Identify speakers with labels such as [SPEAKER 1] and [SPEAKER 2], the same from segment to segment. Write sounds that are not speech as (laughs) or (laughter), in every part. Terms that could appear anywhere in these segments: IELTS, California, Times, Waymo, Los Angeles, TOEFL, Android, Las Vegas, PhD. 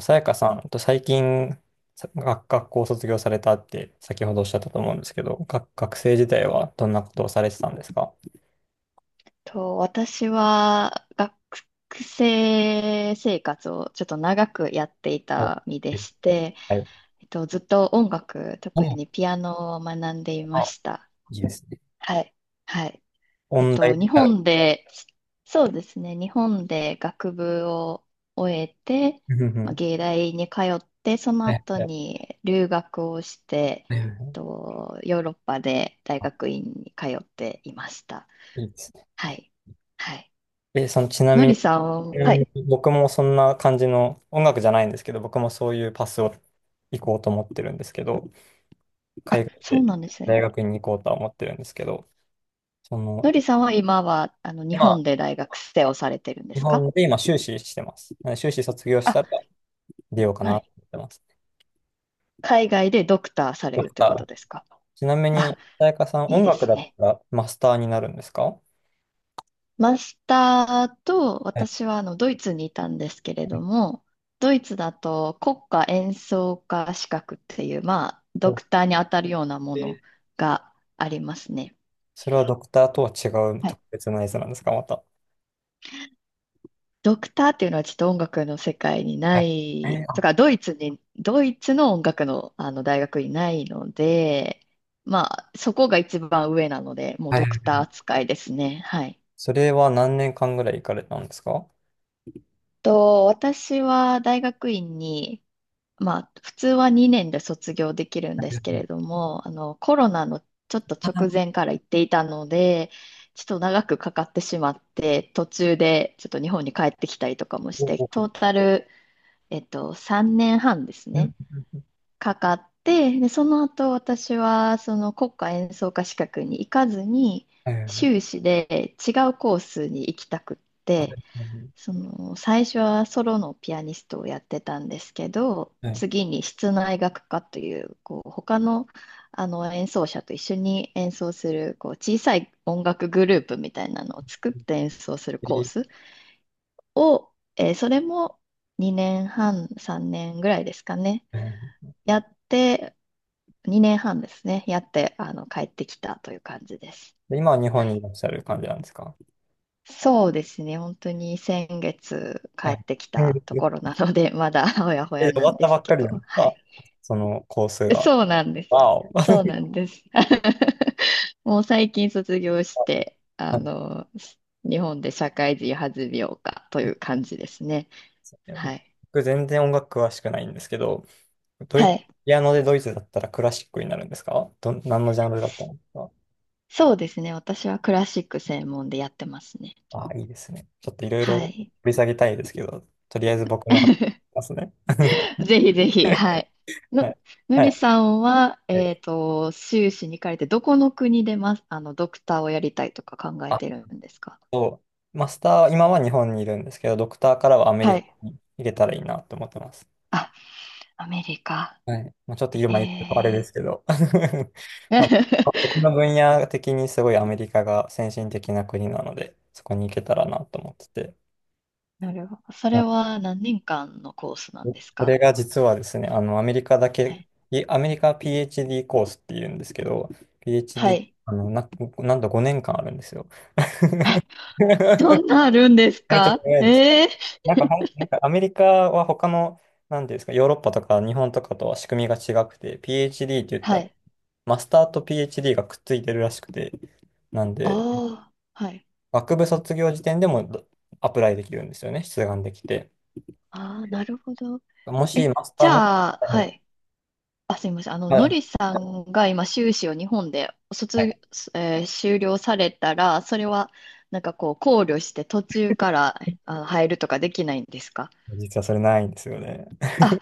[SPEAKER 1] さやかさんと最近、学校を卒業されたって先ほどおっしゃったと思うんですけど、学生時代はどんなことをされてたんですか？
[SPEAKER 2] 私は学生生活をちょっと長くやってい
[SPEAKER 1] あ、
[SPEAKER 2] た身で
[SPEAKER 1] え
[SPEAKER 2] して、
[SPEAKER 1] はい。
[SPEAKER 2] ずっと音楽、特にピアノを学んでいま
[SPEAKER 1] あ、
[SPEAKER 2] した。
[SPEAKER 1] いいですね。
[SPEAKER 2] はい。はい。
[SPEAKER 1] 音大
[SPEAKER 2] 日
[SPEAKER 1] になる。
[SPEAKER 2] 本で、そうですね、日本で学部を終えて、
[SPEAKER 1] うんう
[SPEAKER 2] まあ、
[SPEAKER 1] ん。
[SPEAKER 2] 芸大に通って、その
[SPEAKER 1] はい
[SPEAKER 2] 後
[SPEAKER 1] はい、
[SPEAKER 2] に留学をして、
[SPEAKER 1] はいい。
[SPEAKER 2] ヨーロッパで大
[SPEAKER 1] あ、
[SPEAKER 2] 学院に通っていました。
[SPEAKER 1] いいですね。
[SPEAKER 2] はい。はい。
[SPEAKER 1] その、
[SPEAKER 2] のりさん、
[SPEAKER 1] ちな
[SPEAKER 2] は
[SPEAKER 1] み
[SPEAKER 2] い。
[SPEAKER 1] に僕もそんな感じの、音楽じゃないんですけど、僕もそういうパスを行こうと思ってるんですけど、海
[SPEAKER 2] あ、
[SPEAKER 1] 外
[SPEAKER 2] そう
[SPEAKER 1] で
[SPEAKER 2] なんです
[SPEAKER 1] 大
[SPEAKER 2] ね。
[SPEAKER 1] 学に行こうとは思ってるんですけど、そ
[SPEAKER 2] の
[SPEAKER 1] の、
[SPEAKER 2] りさんは今は、日本
[SPEAKER 1] 今
[SPEAKER 2] で大学生をされてるんで
[SPEAKER 1] 日
[SPEAKER 2] すか？
[SPEAKER 1] 本で今修士してます。なので修士卒業したら
[SPEAKER 2] あ、
[SPEAKER 1] 出ようか
[SPEAKER 2] は
[SPEAKER 1] なと
[SPEAKER 2] い。
[SPEAKER 1] 思ってます。
[SPEAKER 2] 海外でドクターされ
[SPEAKER 1] ド
[SPEAKER 2] るっ
[SPEAKER 1] ク
[SPEAKER 2] て
[SPEAKER 1] タ
[SPEAKER 2] こ
[SPEAKER 1] ー
[SPEAKER 2] とですか？
[SPEAKER 1] ちなみ
[SPEAKER 2] あ、
[SPEAKER 1] に、さやかさん、
[SPEAKER 2] いい
[SPEAKER 1] 音
[SPEAKER 2] で
[SPEAKER 1] 楽
[SPEAKER 2] す
[SPEAKER 1] だっ
[SPEAKER 2] ね。
[SPEAKER 1] たらマスターになるんですか？
[SPEAKER 2] マスターと、
[SPEAKER 1] はい。
[SPEAKER 2] 私はドイツにいたんですけれども、ドイツだと国家演奏家資格っていう、まあ、ドクターに当たるようなもの
[SPEAKER 1] で、
[SPEAKER 2] がありますね。
[SPEAKER 1] それはドクターとは違う
[SPEAKER 2] は
[SPEAKER 1] 特
[SPEAKER 2] い。
[SPEAKER 1] 別なやつなんですか、また。
[SPEAKER 2] ドクターっていうのはちょっと音楽の世界に
[SPEAKER 1] は
[SPEAKER 2] な
[SPEAKER 1] い。え
[SPEAKER 2] い、と
[SPEAKER 1] ー
[SPEAKER 2] か、ドイツの音楽の、大学にないので、まあ、そこが一番上なので、もう
[SPEAKER 1] はい。
[SPEAKER 2] ドクター扱いですね。はい。
[SPEAKER 1] それは何年間ぐらい行かれたんですか？は
[SPEAKER 2] 私は大学院に、まあ、普通は2年で卒業できるんで
[SPEAKER 1] いは
[SPEAKER 2] すけれ
[SPEAKER 1] い。
[SPEAKER 2] ども、あの、コロナのちょっと直前から行っていたので、ちょっと長くかかってしまって、途中でちょっと日本に帰ってきたりとかもし
[SPEAKER 1] お
[SPEAKER 2] て、
[SPEAKER 1] おう
[SPEAKER 2] トー
[SPEAKER 1] ほ
[SPEAKER 2] タル3年半です
[SPEAKER 1] う。う
[SPEAKER 2] ね、
[SPEAKER 1] んうんう
[SPEAKER 2] かかって、で、その後私はその国家演奏家資格に行かずに、
[SPEAKER 1] ん。
[SPEAKER 2] 修
[SPEAKER 1] ー
[SPEAKER 2] 士で違うコースに行きたくっ
[SPEAKER 1] は
[SPEAKER 2] て、
[SPEAKER 1] いはい
[SPEAKER 2] その最初はソロのピアニストをやってたんですけど、
[SPEAKER 1] はい。
[SPEAKER 2] 次に室内楽科という、こう他の、あの演奏者と一緒に演奏するこう小さい音楽グループみたいなのを作って演奏するコー
[SPEAKER 1] え
[SPEAKER 2] スを、それも2年半、3年ぐらいですかね。
[SPEAKER 1] ー
[SPEAKER 2] やって、2年半ですね。やって、あの、帰ってきたという感じです。
[SPEAKER 1] で、今は日
[SPEAKER 2] は
[SPEAKER 1] 本にい
[SPEAKER 2] い。
[SPEAKER 1] らっしゃる感じなんですか？
[SPEAKER 2] そうですね。本当に先月帰
[SPEAKER 1] はい。
[SPEAKER 2] ってきたと
[SPEAKER 1] うん。
[SPEAKER 2] ころなので、まだ (laughs) ほやほや
[SPEAKER 1] 終
[SPEAKER 2] な
[SPEAKER 1] わ
[SPEAKER 2] ん
[SPEAKER 1] っ
[SPEAKER 2] で
[SPEAKER 1] たば
[SPEAKER 2] す
[SPEAKER 1] っか
[SPEAKER 2] け
[SPEAKER 1] りなん
[SPEAKER 2] ど、
[SPEAKER 1] です
[SPEAKER 2] は
[SPEAKER 1] か？
[SPEAKER 2] い。
[SPEAKER 1] そのコースが。
[SPEAKER 2] そうなんです。
[SPEAKER 1] わお。(laughs)
[SPEAKER 2] そうなんです。(laughs) もう最近卒業して、あの、日本で社会人弾みようかという感じですね。はい。
[SPEAKER 1] 僕全然音楽詳しくないんですけど、ド
[SPEAKER 2] は
[SPEAKER 1] イ、
[SPEAKER 2] い。
[SPEAKER 1] ピアノでドイツだったらクラシックになるんですかど、何のジャンルだったんですか？
[SPEAKER 2] そうですね。私はクラシック専門でやってますね。
[SPEAKER 1] ああ、いいですね。ちょっといろいろ
[SPEAKER 2] は
[SPEAKER 1] 掘
[SPEAKER 2] い。
[SPEAKER 1] り下げたいですけど、とりあえず僕の話し
[SPEAKER 2] (laughs)
[SPEAKER 1] ますね。(laughs)
[SPEAKER 2] ぜひぜひ、はい。
[SPEAKER 1] は
[SPEAKER 2] の、
[SPEAKER 1] い。
[SPEAKER 2] の
[SPEAKER 1] は
[SPEAKER 2] り
[SPEAKER 1] い。
[SPEAKER 2] さんは、
[SPEAKER 1] はい。
[SPEAKER 2] 修士に行かれて、どこの国でます、あの、ドクターをやりたいとか考え
[SPEAKER 1] あ
[SPEAKER 2] てるんですか？
[SPEAKER 1] と、マスター、今は日本にいるんですけど、ドクターからはアメ
[SPEAKER 2] は
[SPEAKER 1] リカ
[SPEAKER 2] い。
[SPEAKER 1] に行けたらいいなと思ってます。
[SPEAKER 2] あ、アメリカ。
[SPEAKER 1] はい。まあ、ちょっと
[SPEAKER 2] え
[SPEAKER 1] 今言うとあれで
[SPEAKER 2] え
[SPEAKER 1] すけど。(laughs) まあ、僕の
[SPEAKER 2] (laughs)
[SPEAKER 1] 分野的にすごいアメリカが先進的な国なので、そこに行けたらなと思ってて。
[SPEAKER 2] なるほど。それ
[SPEAKER 1] あ
[SPEAKER 2] は何年間のコースなんです
[SPEAKER 1] それ
[SPEAKER 2] か？
[SPEAKER 1] が実はですね、あの、アメリカだ
[SPEAKER 2] は
[SPEAKER 1] け、
[SPEAKER 2] い。
[SPEAKER 1] アメリカ PhD コースっていうんですけど、
[SPEAKER 2] は
[SPEAKER 1] PhD、
[SPEAKER 2] い。
[SPEAKER 1] なんと5年間あるんですよ。
[SPEAKER 2] (laughs) え、
[SPEAKER 1] (laughs) め
[SPEAKER 2] どんなあるんです
[SPEAKER 1] ちゃくちゃ
[SPEAKER 2] か？
[SPEAKER 1] 長いです。
[SPEAKER 2] ええ、
[SPEAKER 1] なんかほん、なんかアメリカは他の、なんていうんですか、ヨーロッパとか日本とかとは仕組みが違くて、PhD って言っ
[SPEAKER 2] は
[SPEAKER 1] たら、
[SPEAKER 2] い。
[SPEAKER 1] マスターと PhD がくっついてるらしくて、なんで、
[SPEAKER 2] ああ、はい。
[SPEAKER 1] 学部卒業時点でもアプライできるんですよね、出願できて。
[SPEAKER 2] ああ、なるほど。
[SPEAKER 1] もし
[SPEAKER 2] え、
[SPEAKER 1] マスタ
[SPEAKER 2] じ
[SPEAKER 1] ーも、
[SPEAKER 2] ゃあ、
[SPEAKER 1] は
[SPEAKER 2] は
[SPEAKER 1] い
[SPEAKER 2] い。あ、すみません。
[SPEAKER 1] は
[SPEAKER 2] の
[SPEAKER 1] い、
[SPEAKER 2] りさんが今、修士を日本で卒、えー修了されたら、それは、なんかこう、考慮して途中から入るとかできないんですか？
[SPEAKER 1] 実はそれないんですよね。
[SPEAKER 2] あ、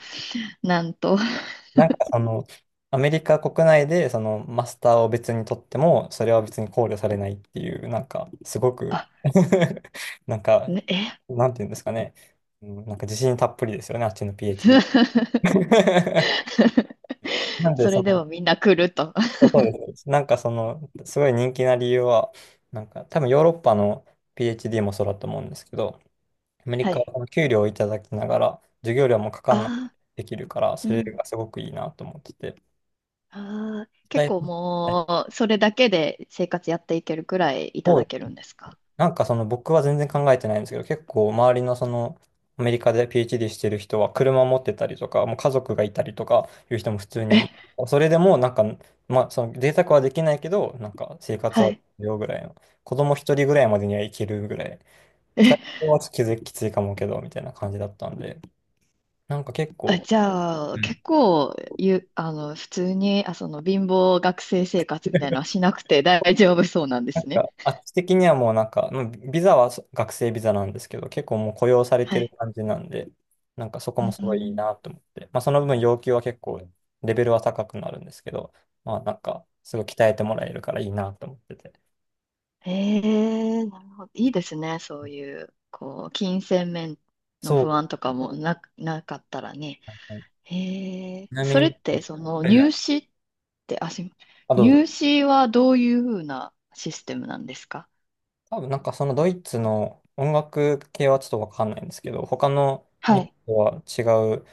[SPEAKER 2] なんと。(laughs)
[SPEAKER 1] なんかその、アメリカ国内でそのマスターを別に取っても、それは別に考慮されないっていう、なんか、すごく
[SPEAKER 2] あ、
[SPEAKER 1] (laughs) なんか、
[SPEAKER 2] ね、え
[SPEAKER 1] なんていうんですかね、うん、なんか自信たっぷりですよね、あっちの PhD。(laughs) な
[SPEAKER 2] (laughs)
[SPEAKER 1] んで、
[SPEAKER 2] そ
[SPEAKER 1] そ
[SPEAKER 2] れでも
[SPEAKER 1] の、
[SPEAKER 2] みんな来ると。(laughs)
[SPEAKER 1] そうです。なんかその、すごい人気な理由は、なんか多分ヨーロッパの PhD もそうだと思うんですけど、アメリ
[SPEAKER 2] は
[SPEAKER 1] カは
[SPEAKER 2] い。
[SPEAKER 1] この給料をいただきながら、授業料もかかんなく
[SPEAKER 2] ああ、
[SPEAKER 1] できるから、
[SPEAKER 2] う
[SPEAKER 1] それ
[SPEAKER 2] ん。
[SPEAKER 1] がすごくいいなと思ってて。
[SPEAKER 2] ああ、結構
[SPEAKER 1] で、
[SPEAKER 2] もう、それだけで生活やっていけるくらいいた
[SPEAKER 1] そ
[SPEAKER 2] だ
[SPEAKER 1] う、
[SPEAKER 2] けるんですか？
[SPEAKER 1] なんかその僕は全然考えてないんですけど、結構周りのその、アメリカで PhD してる人は車を持ってたりとか、もう家族がいたりとかいう人も普通
[SPEAKER 2] え、
[SPEAKER 1] に、それでもなんか、まあその贅沢はできないけど、なんか生活
[SPEAKER 2] は
[SPEAKER 1] は
[SPEAKER 2] い。
[SPEAKER 1] よぐらいの。子供一人ぐらいまでにはいけるぐらい2人はちょっと気づききついかもけど、みたいな感じだったんで、なんか結
[SPEAKER 2] あ、
[SPEAKER 1] 構、
[SPEAKER 2] じゃ
[SPEAKER 1] う
[SPEAKER 2] あ、
[SPEAKER 1] ん、
[SPEAKER 2] 結構、ゆ、あの、普通に、あ、その、貧乏学生生活みたいなのはしなくて大丈夫そうなんで
[SPEAKER 1] なん
[SPEAKER 2] すね。
[SPEAKER 1] かあっち的にはもうなんか、うんビザは学生ビザなんですけど、結構もう雇用されて
[SPEAKER 2] は
[SPEAKER 1] る
[SPEAKER 2] い。
[SPEAKER 1] 感じなんで、なんかそこ
[SPEAKER 2] う
[SPEAKER 1] もすごいいい
[SPEAKER 2] ん、
[SPEAKER 1] なと思って、まあその分要求は結構レベルは高くなるんですけど、まあなんかすごい鍛えてもらえるからいいなと思ってて。
[SPEAKER 2] ええ、なるほど。いいですね。そういう、こう、金銭面の
[SPEAKER 1] そう
[SPEAKER 2] 不
[SPEAKER 1] で
[SPEAKER 2] 安とかもなかったらね。
[SPEAKER 1] すね。
[SPEAKER 2] ええ、
[SPEAKER 1] ちなみ
[SPEAKER 2] それ
[SPEAKER 1] に、
[SPEAKER 2] って、その、
[SPEAKER 1] はいは
[SPEAKER 2] 入
[SPEAKER 1] い、
[SPEAKER 2] 試って、あ、すいません。
[SPEAKER 1] どうぞ。
[SPEAKER 2] 入試はどういうふうなシステムなんですか？
[SPEAKER 1] 多分なんかそのドイツの音楽系はちょっとわかんないんですけど、他の
[SPEAKER 2] は
[SPEAKER 1] 日
[SPEAKER 2] い。
[SPEAKER 1] 本とは違う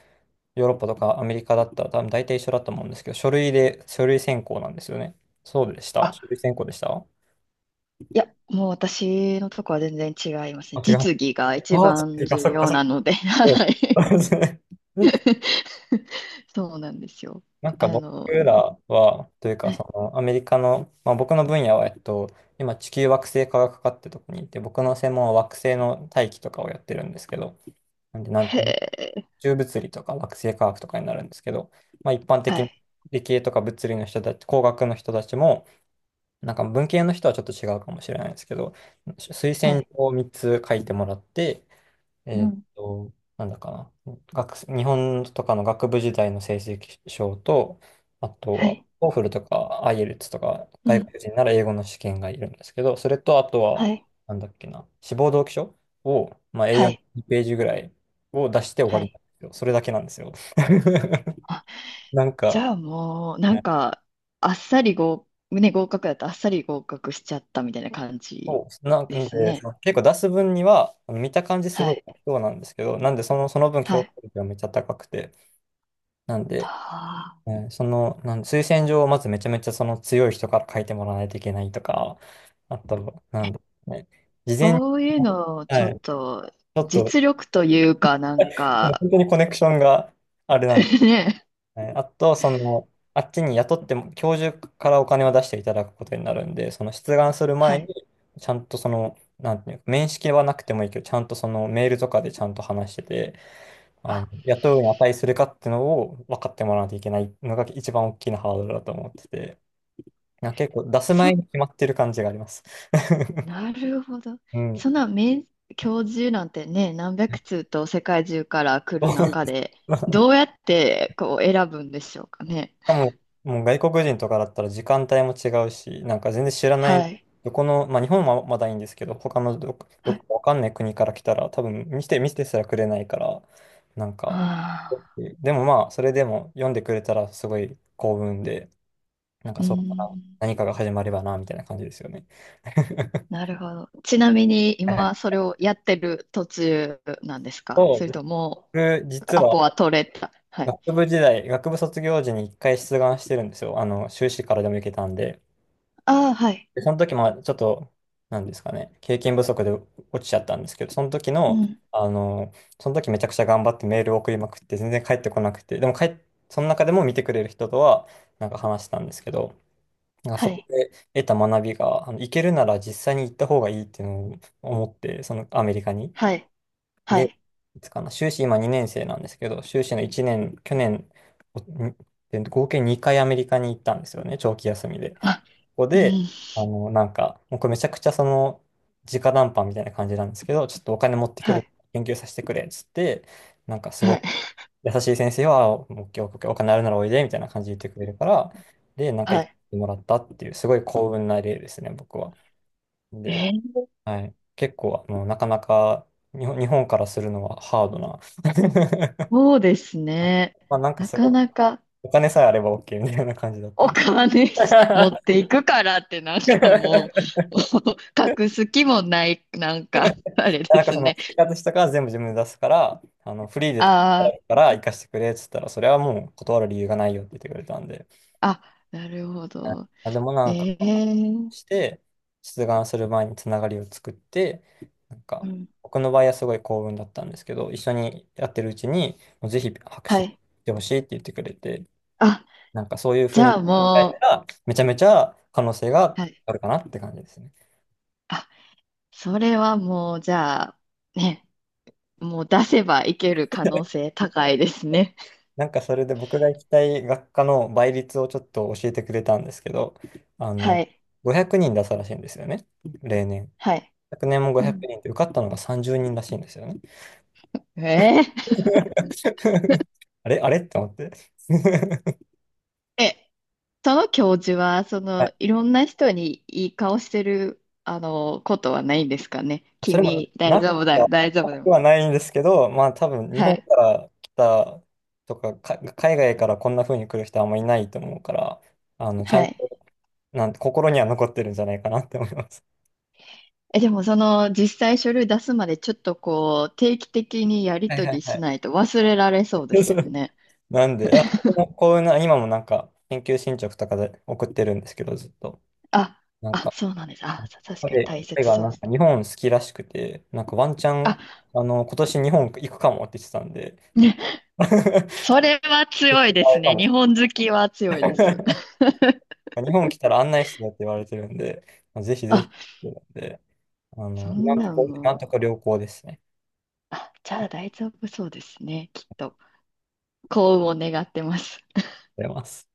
[SPEAKER 1] ヨーロッパとかアメリカだったら多分大体一緒だと思うんですけど、書類選考なんですよね。そうでした、書
[SPEAKER 2] あ、
[SPEAKER 1] 類選考でした。
[SPEAKER 2] いや、もう私のとこは全然違いますね。
[SPEAKER 1] 違う。
[SPEAKER 2] 実技が一
[SPEAKER 1] ああ、
[SPEAKER 2] 番
[SPEAKER 1] 違うか、
[SPEAKER 2] 重
[SPEAKER 1] そっか、
[SPEAKER 2] 要
[SPEAKER 1] そっ
[SPEAKER 2] な
[SPEAKER 1] か。
[SPEAKER 2] ので、
[SPEAKER 1] そ
[SPEAKER 2] は
[SPEAKER 1] う。
[SPEAKER 2] い。
[SPEAKER 1] (laughs)
[SPEAKER 2] (laughs) そうなんですよ。
[SPEAKER 1] なんか
[SPEAKER 2] あ
[SPEAKER 1] 僕
[SPEAKER 2] の、
[SPEAKER 1] らは、というか、そ
[SPEAKER 2] ね。
[SPEAKER 1] の、アメリカの、まあ僕の分野は、今、地球惑星科学科ってとこにいて、僕の専門は惑星の大気とかをやってるんですけど、なんで、
[SPEAKER 2] へ
[SPEAKER 1] 宇
[SPEAKER 2] え、
[SPEAKER 1] 宙物理とか惑星科学とかになるんですけど、まあ一般
[SPEAKER 2] は
[SPEAKER 1] 的に
[SPEAKER 2] い、
[SPEAKER 1] 理系とか物理の人たち、工学の人たちも、なんか文系の人はちょっと違うかもしれないですけど、推
[SPEAKER 2] は
[SPEAKER 1] 薦状
[SPEAKER 2] い、
[SPEAKER 1] を3つ書いてもらって、
[SPEAKER 2] うん、
[SPEAKER 1] なんだかな、日本とかの学部時代の成績証と、あと
[SPEAKER 2] は
[SPEAKER 1] は、
[SPEAKER 2] い、
[SPEAKER 1] オーフルとか IELTS とか、
[SPEAKER 2] う
[SPEAKER 1] 外
[SPEAKER 2] ん、
[SPEAKER 1] 国人なら英語の試験がいるんですけど、それとあと
[SPEAKER 2] は
[SPEAKER 1] は、
[SPEAKER 2] い、
[SPEAKER 1] なんだっけな、志望動機書を、まあ、a
[SPEAKER 2] は
[SPEAKER 1] 4
[SPEAKER 2] い、
[SPEAKER 1] ページぐらいを出して終わ
[SPEAKER 2] は
[SPEAKER 1] りなん
[SPEAKER 2] い。
[SPEAKER 1] ですよ。それだけなんですよ。(laughs)
[SPEAKER 2] あ、
[SPEAKER 1] なん
[SPEAKER 2] じ
[SPEAKER 1] か、
[SPEAKER 2] ゃあもう、な
[SPEAKER 1] も
[SPEAKER 2] んか、あっさり合、ね、合格だとあっさり合格しちゃったみたいな感じ
[SPEAKER 1] そう、なん
[SPEAKER 2] です
[SPEAKER 1] で、
[SPEAKER 2] ね。
[SPEAKER 1] その結構出す分には、あの見た感じす
[SPEAKER 2] は
[SPEAKER 1] ごい
[SPEAKER 2] い、
[SPEAKER 1] そうなんですけど、なんでその、その分
[SPEAKER 2] は
[SPEAKER 1] 競争
[SPEAKER 2] い。
[SPEAKER 1] 力がめっちゃ高くて、なんで、
[SPEAKER 2] た
[SPEAKER 1] その、推薦状をまずめちゃめちゃその強い人から書いてもらわないといけないとか、あと、なんで、ね、事前に、
[SPEAKER 2] そういうのをちょ
[SPEAKER 1] は
[SPEAKER 2] っ
[SPEAKER 1] い、
[SPEAKER 2] と
[SPEAKER 1] ちょっと、
[SPEAKER 2] 実力というかなん
[SPEAKER 1] (laughs) 本
[SPEAKER 2] か
[SPEAKER 1] 当にコネクションがあれなんで、
[SPEAKER 2] (laughs) ね。
[SPEAKER 1] はい、あと、その、あっちに雇っても、教授からお金を出していただくことになるんで、その出願する
[SPEAKER 2] は
[SPEAKER 1] 前
[SPEAKER 2] い。
[SPEAKER 1] に、ちゃんとその、なんていうか、面識はなくてもいいけど、ちゃんとそのメールとかでちゃんと話してて、あ
[SPEAKER 2] あ、
[SPEAKER 1] の、雇うに値するかっていうのを分かってもらわないといけないのが一番大きなハードルだと思ってて、結構出す
[SPEAKER 2] そ、
[SPEAKER 1] 前に決まってる感じがあります。
[SPEAKER 2] なるほど。
[SPEAKER 1] うん。
[SPEAKER 2] そんな名教授なんてね、何百通と世界中から来る中
[SPEAKER 1] (laughs)
[SPEAKER 2] で、どうやってこう選ぶんでしょうかね。
[SPEAKER 1] かも、もう外国人とかだったら時間帯も違うし、なんか全然知らない、
[SPEAKER 2] はい。
[SPEAKER 1] どこの、まあ日本はまだいいんですけど、他のど
[SPEAKER 2] は
[SPEAKER 1] こ
[SPEAKER 2] い。
[SPEAKER 1] かわかんない国から来たら、多分見てすらくれないから、なん
[SPEAKER 2] あ
[SPEAKER 1] か、
[SPEAKER 2] あ、
[SPEAKER 1] でもまあ、それでも読んでくれたらすごい幸運で、なんか
[SPEAKER 2] うー
[SPEAKER 1] そこから
[SPEAKER 2] ん。
[SPEAKER 1] 何かが始まればな、みたいな感じですよね。(laughs)
[SPEAKER 2] なるほど。ちなみに今それをやってる途中なんですか？
[SPEAKER 1] そ
[SPEAKER 2] そ
[SPEAKER 1] う、
[SPEAKER 2] れとも
[SPEAKER 1] 僕、実
[SPEAKER 2] ア
[SPEAKER 1] は
[SPEAKER 2] ポは取れた。はい。
[SPEAKER 1] 学部時代、学部卒業時に1回出願してるんですよ。あの、修士からでも行けたんで。
[SPEAKER 2] ああ、はい。
[SPEAKER 1] で、その時もちょっと、なんですかね、経験不足で落ちちゃったんですけど、その時
[SPEAKER 2] う
[SPEAKER 1] の、
[SPEAKER 2] ん。
[SPEAKER 1] あの、その時めちゃくちゃ頑張ってメールを送りまくって、全然返ってこなくて、でも帰っ、その中でも見てくれる人とは、なんか話したんですけど、なんか
[SPEAKER 2] は
[SPEAKER 1] そこ
[SPEAKER 2] い。
[SPEAKER 1] で得た学びが、あの、行けるなら実際に行った方がいいっていうのを思って、そのアメリカに。
[SPEAKER 2] はい、は
[SPEAKER 1] で、
[SPEAKER 2] い。
[SPEAKER 1] いつかな、修士今2年生なんですけど、修士の1年、去年、おんで合計2回アメリカに行ったんですよね、長期休みで。こ
[SPEAKER 2] あ、
[SPEAKER 1] こ
[SPEAKER 2] う
[SPEAKER 1] で、
[SPEAKER 2] ん、
[SPEAKER 1] あの、なんか、もうこれめちゃくちゃその、直談判みたいな感じなんですけど、ちょっとお金持ってく
[SPEAKER 2] は
[SPEAKER 1] る、
[SPEAKER 2] い、
[SPEAKER 1] 研究させてくれ、っつって、なんかす
[SPEAKER 2] は
[SPEAKER 1] ご
[SPEAKER 2] い、
[SPEAKER 1] く優しい先生は、オッケーオッケーお金あるならおいで、みたいな感じで言ってくれるから、で、なんか
[SPEAKER 2] は
[SPEAKER 1] 行っ
[SPEAKER 2] い。
[SPEAKER 1] てもらったっていう、すごい幸運な例ですね、僕は。で、
[SPEAKER 2] えー、
[SPEAKER 1] はい。結構、あの、なかなか、日本からするのはハードな。(laughs)
[SPEAKER 2] そうですね。
[SPEAKER 1] まあ、なんか
[SPEAKER 2] な
[SPEAKER 1] す
[SPEAKER 2] か
[SPEAKER 1] ごく、
[SPEAKER 2] なか
[SPEAKER 1] お金さえあれば OK みたいな感じだった
[SPEAKER 2] お
[SPEAKER 1] んで。
[SPEAKER 2] 金 (laughs) 持っ
[SPEAKER 1] (laughs)
[SPEAKER 2] ていくからってなんかもう (laughs) 隠す気もない、なんかあれで
[SPEAKER 1] なんか
[SPEAKER 2] す
[SPEAKER 1] その
[SPEAKER 2] ね。
[SPEAKER 1] 生活したから全部自分で出すから、あのフリーで
[SPEAKER 2] あ
[SPEAKER 1] 働くから行かせてくれっつったら、それはもう断る理由がないよって言ってくれたんで。
[SPEAKER 2] あ、あ、なるほど。
[SPEAKER 1] でもなんか、
[SPEAKER 2] えー、
[SPEAKER 1] して、出願する前につながりを作って、なんか、
[SPEAKER 2] うん、
[SPEAKER 1] 僕の場合はすごい幸運だったんですけど、一緒にやってるうちに、もうぜひ博
[SPEAKER 2] は
[SPEAKER 1] 士し
[SPEAKER 2] い。
[SPEAKER 1] てほしいって言ってくれて、
[SPEAKER 2] あ、
[SPEAKER 1] なんかそういうふう
[SPEAKER 2] じ
[SPEAKER 1] に
[SPEAKER 2] ゃ
[SPEAKER 1] 考
[SPEAKER 2] あ
[SPEAKER 1] え
[SPEAKER 2] も
[SPEAKER 1] たら、めちゃめちゃ可能性
[SPEAKER 2] う、
[SPEAKER 1] が
[SPEAKER 2] はい。
[SPEAKER 1] あるかなって感じですね。
[SPEAKER 2] あ、それはもう、じゃあ、ね、もう出せばいける可能
[SPEAKER 1] (laughs)
[SPEAKER 2] 性高いですね。
[SPEAKER 1] なんかそれで僕が行きたい学科の倍率をちょっと教えてくれたんですけど、あの、
[SPEAKER 2] はい、
[SPEAKER 1] 500人出したらしいんですよね、例年。
[SPEAKER 2] はい。
[SPEAKER 1] 昨年も
[SPEAKER 2] う
[SPEAKER 1] 500
[SPEAKER 2] ん。
[SPEAKER 1] 人で受かったのが30人らしいんですよね。
[SPEAKER 2] えー、
[SPEAKER 1] (laughs) あれあれって思って。(laughs)
[SPEAKER 2] え、その教授は、そ
[SPEAKER 1] は
[SPEAKER 2] の、
[SPEAKER 1] い、
[SPEAKER 2] いろんな人にいい顔してる、あの、ことはないんですかね。
[SPEAKER 1] それも
[SPEAKER 2] 君、大
[SPEAKER 1] なく
[SPEAKER 2] 丈夫だよ、
[SPEAKER 1] は、
[SPEAKER 2] 大丈夫
[SPEAKER 1] な
[SPEAKER 2] だ
[SPEAKER 1] く
[SPEAKER 2] よ。
[SPEAKER 1] はないんですけど、まあ多分日
[SPEAKER 2] は
[SPEAKER 1] 本
[SPEAKER 2] い、
[SPEAKER 1] から来たとか、海外からこんな風に来る人はあんまりいないと思うから、あの、ちゃ
[SPEAKER 2] は
[SPEAKER 1] んと、
[SPEAKER 2] い。
[SPEAKER 1] なんて心には残ってるんじゃないかなって思います。
[SPEAKER 2] え、でも、その、実際書類出すまで、ちょっとこう、定期的にやり
[SPEAKER 1] はい
[SPEAKER 2] 取
[SPEAKER 1] はい
[SPEAKER 2] り
[SPEAKER 1] は
[SPEAKER 2] し
[SPEAKER 1] い。
[SPEAKER 2] ないと忘れられそうですよ
[SPEAKER 1] (laughs)
[SPEAKER 2] ね。
[SPEAKER 1] なんで、こういうな、今もなんか、研究進捗とかで送ってるんですけど、ずっと。
[SPEAKER 2] あ、
[SPEAKER 1] なん
[SPEAKER 2] あ、
[SPEAKER 1] か、
[SPEAKER 2] そうなんです。あ、確かに
[SPEAKER 1] 彼
[SPEAKER 2] 大
[SPEAKER 1] 彼
[SPEAKER 2] 切
[SPEAKER 1] が
[SPEAKER 2] そう
[SPEAKER 1] な
[SPEAKER 2] で
[SPEAKER 1] ん
[SPEAKER 2] す。
[SPEAKER 1] か日本好きらしくて、なんかワンチャン、
[SPEAKER 2] あ、
[SPEAKER 1] あの、今年日本行くかもって言ってたんで、
[SPEAKER 2] ね、
[SPEAKER 1] (laughs) ち
[SPEAKER 2] それは強い
[SPEAKER 1] ょっ
[SPEAKER 2] で
[SPEAKER 1] とあ
[SPEAKER 2] す
[SPEAKER 1] れか
[SPEAKER 2] ね。
[SPEAKER 1] も
[SPEAKER 2] 日
[SPEAKER 1] し
[SPEAKER 2] 本好きは強いで
[SPEAKER 1] れ
[SPEAKER 2] す。(laughs)
[SPEAKER 1] ない日本来たら案内してよって言われてるんで、ぜひぜ
[SPEAKER 2] あ、
[SPEAKER 1] ひ、なんで、あ
[SPEAKER 2] そ
[SPEAKER 1] の、今
[SPEAKER 2] ん
[SPEAKER 1] んと
[SPEAKER 2] な
[SPEAKER 1] こ、
[SPEAKER 2] ん
[SPEAKER 1] 今
[SPEAKER 2] も
[SPEAKER 1] んとこ
[SPEAKER 2] う。
[SPEAKER 1] 良好ですね。
[SPEAKER 2] あ、じゃあ大丈夫そうですね、きっと。幸運を願ってます。
[SPEAKER 1] ありがとうございます。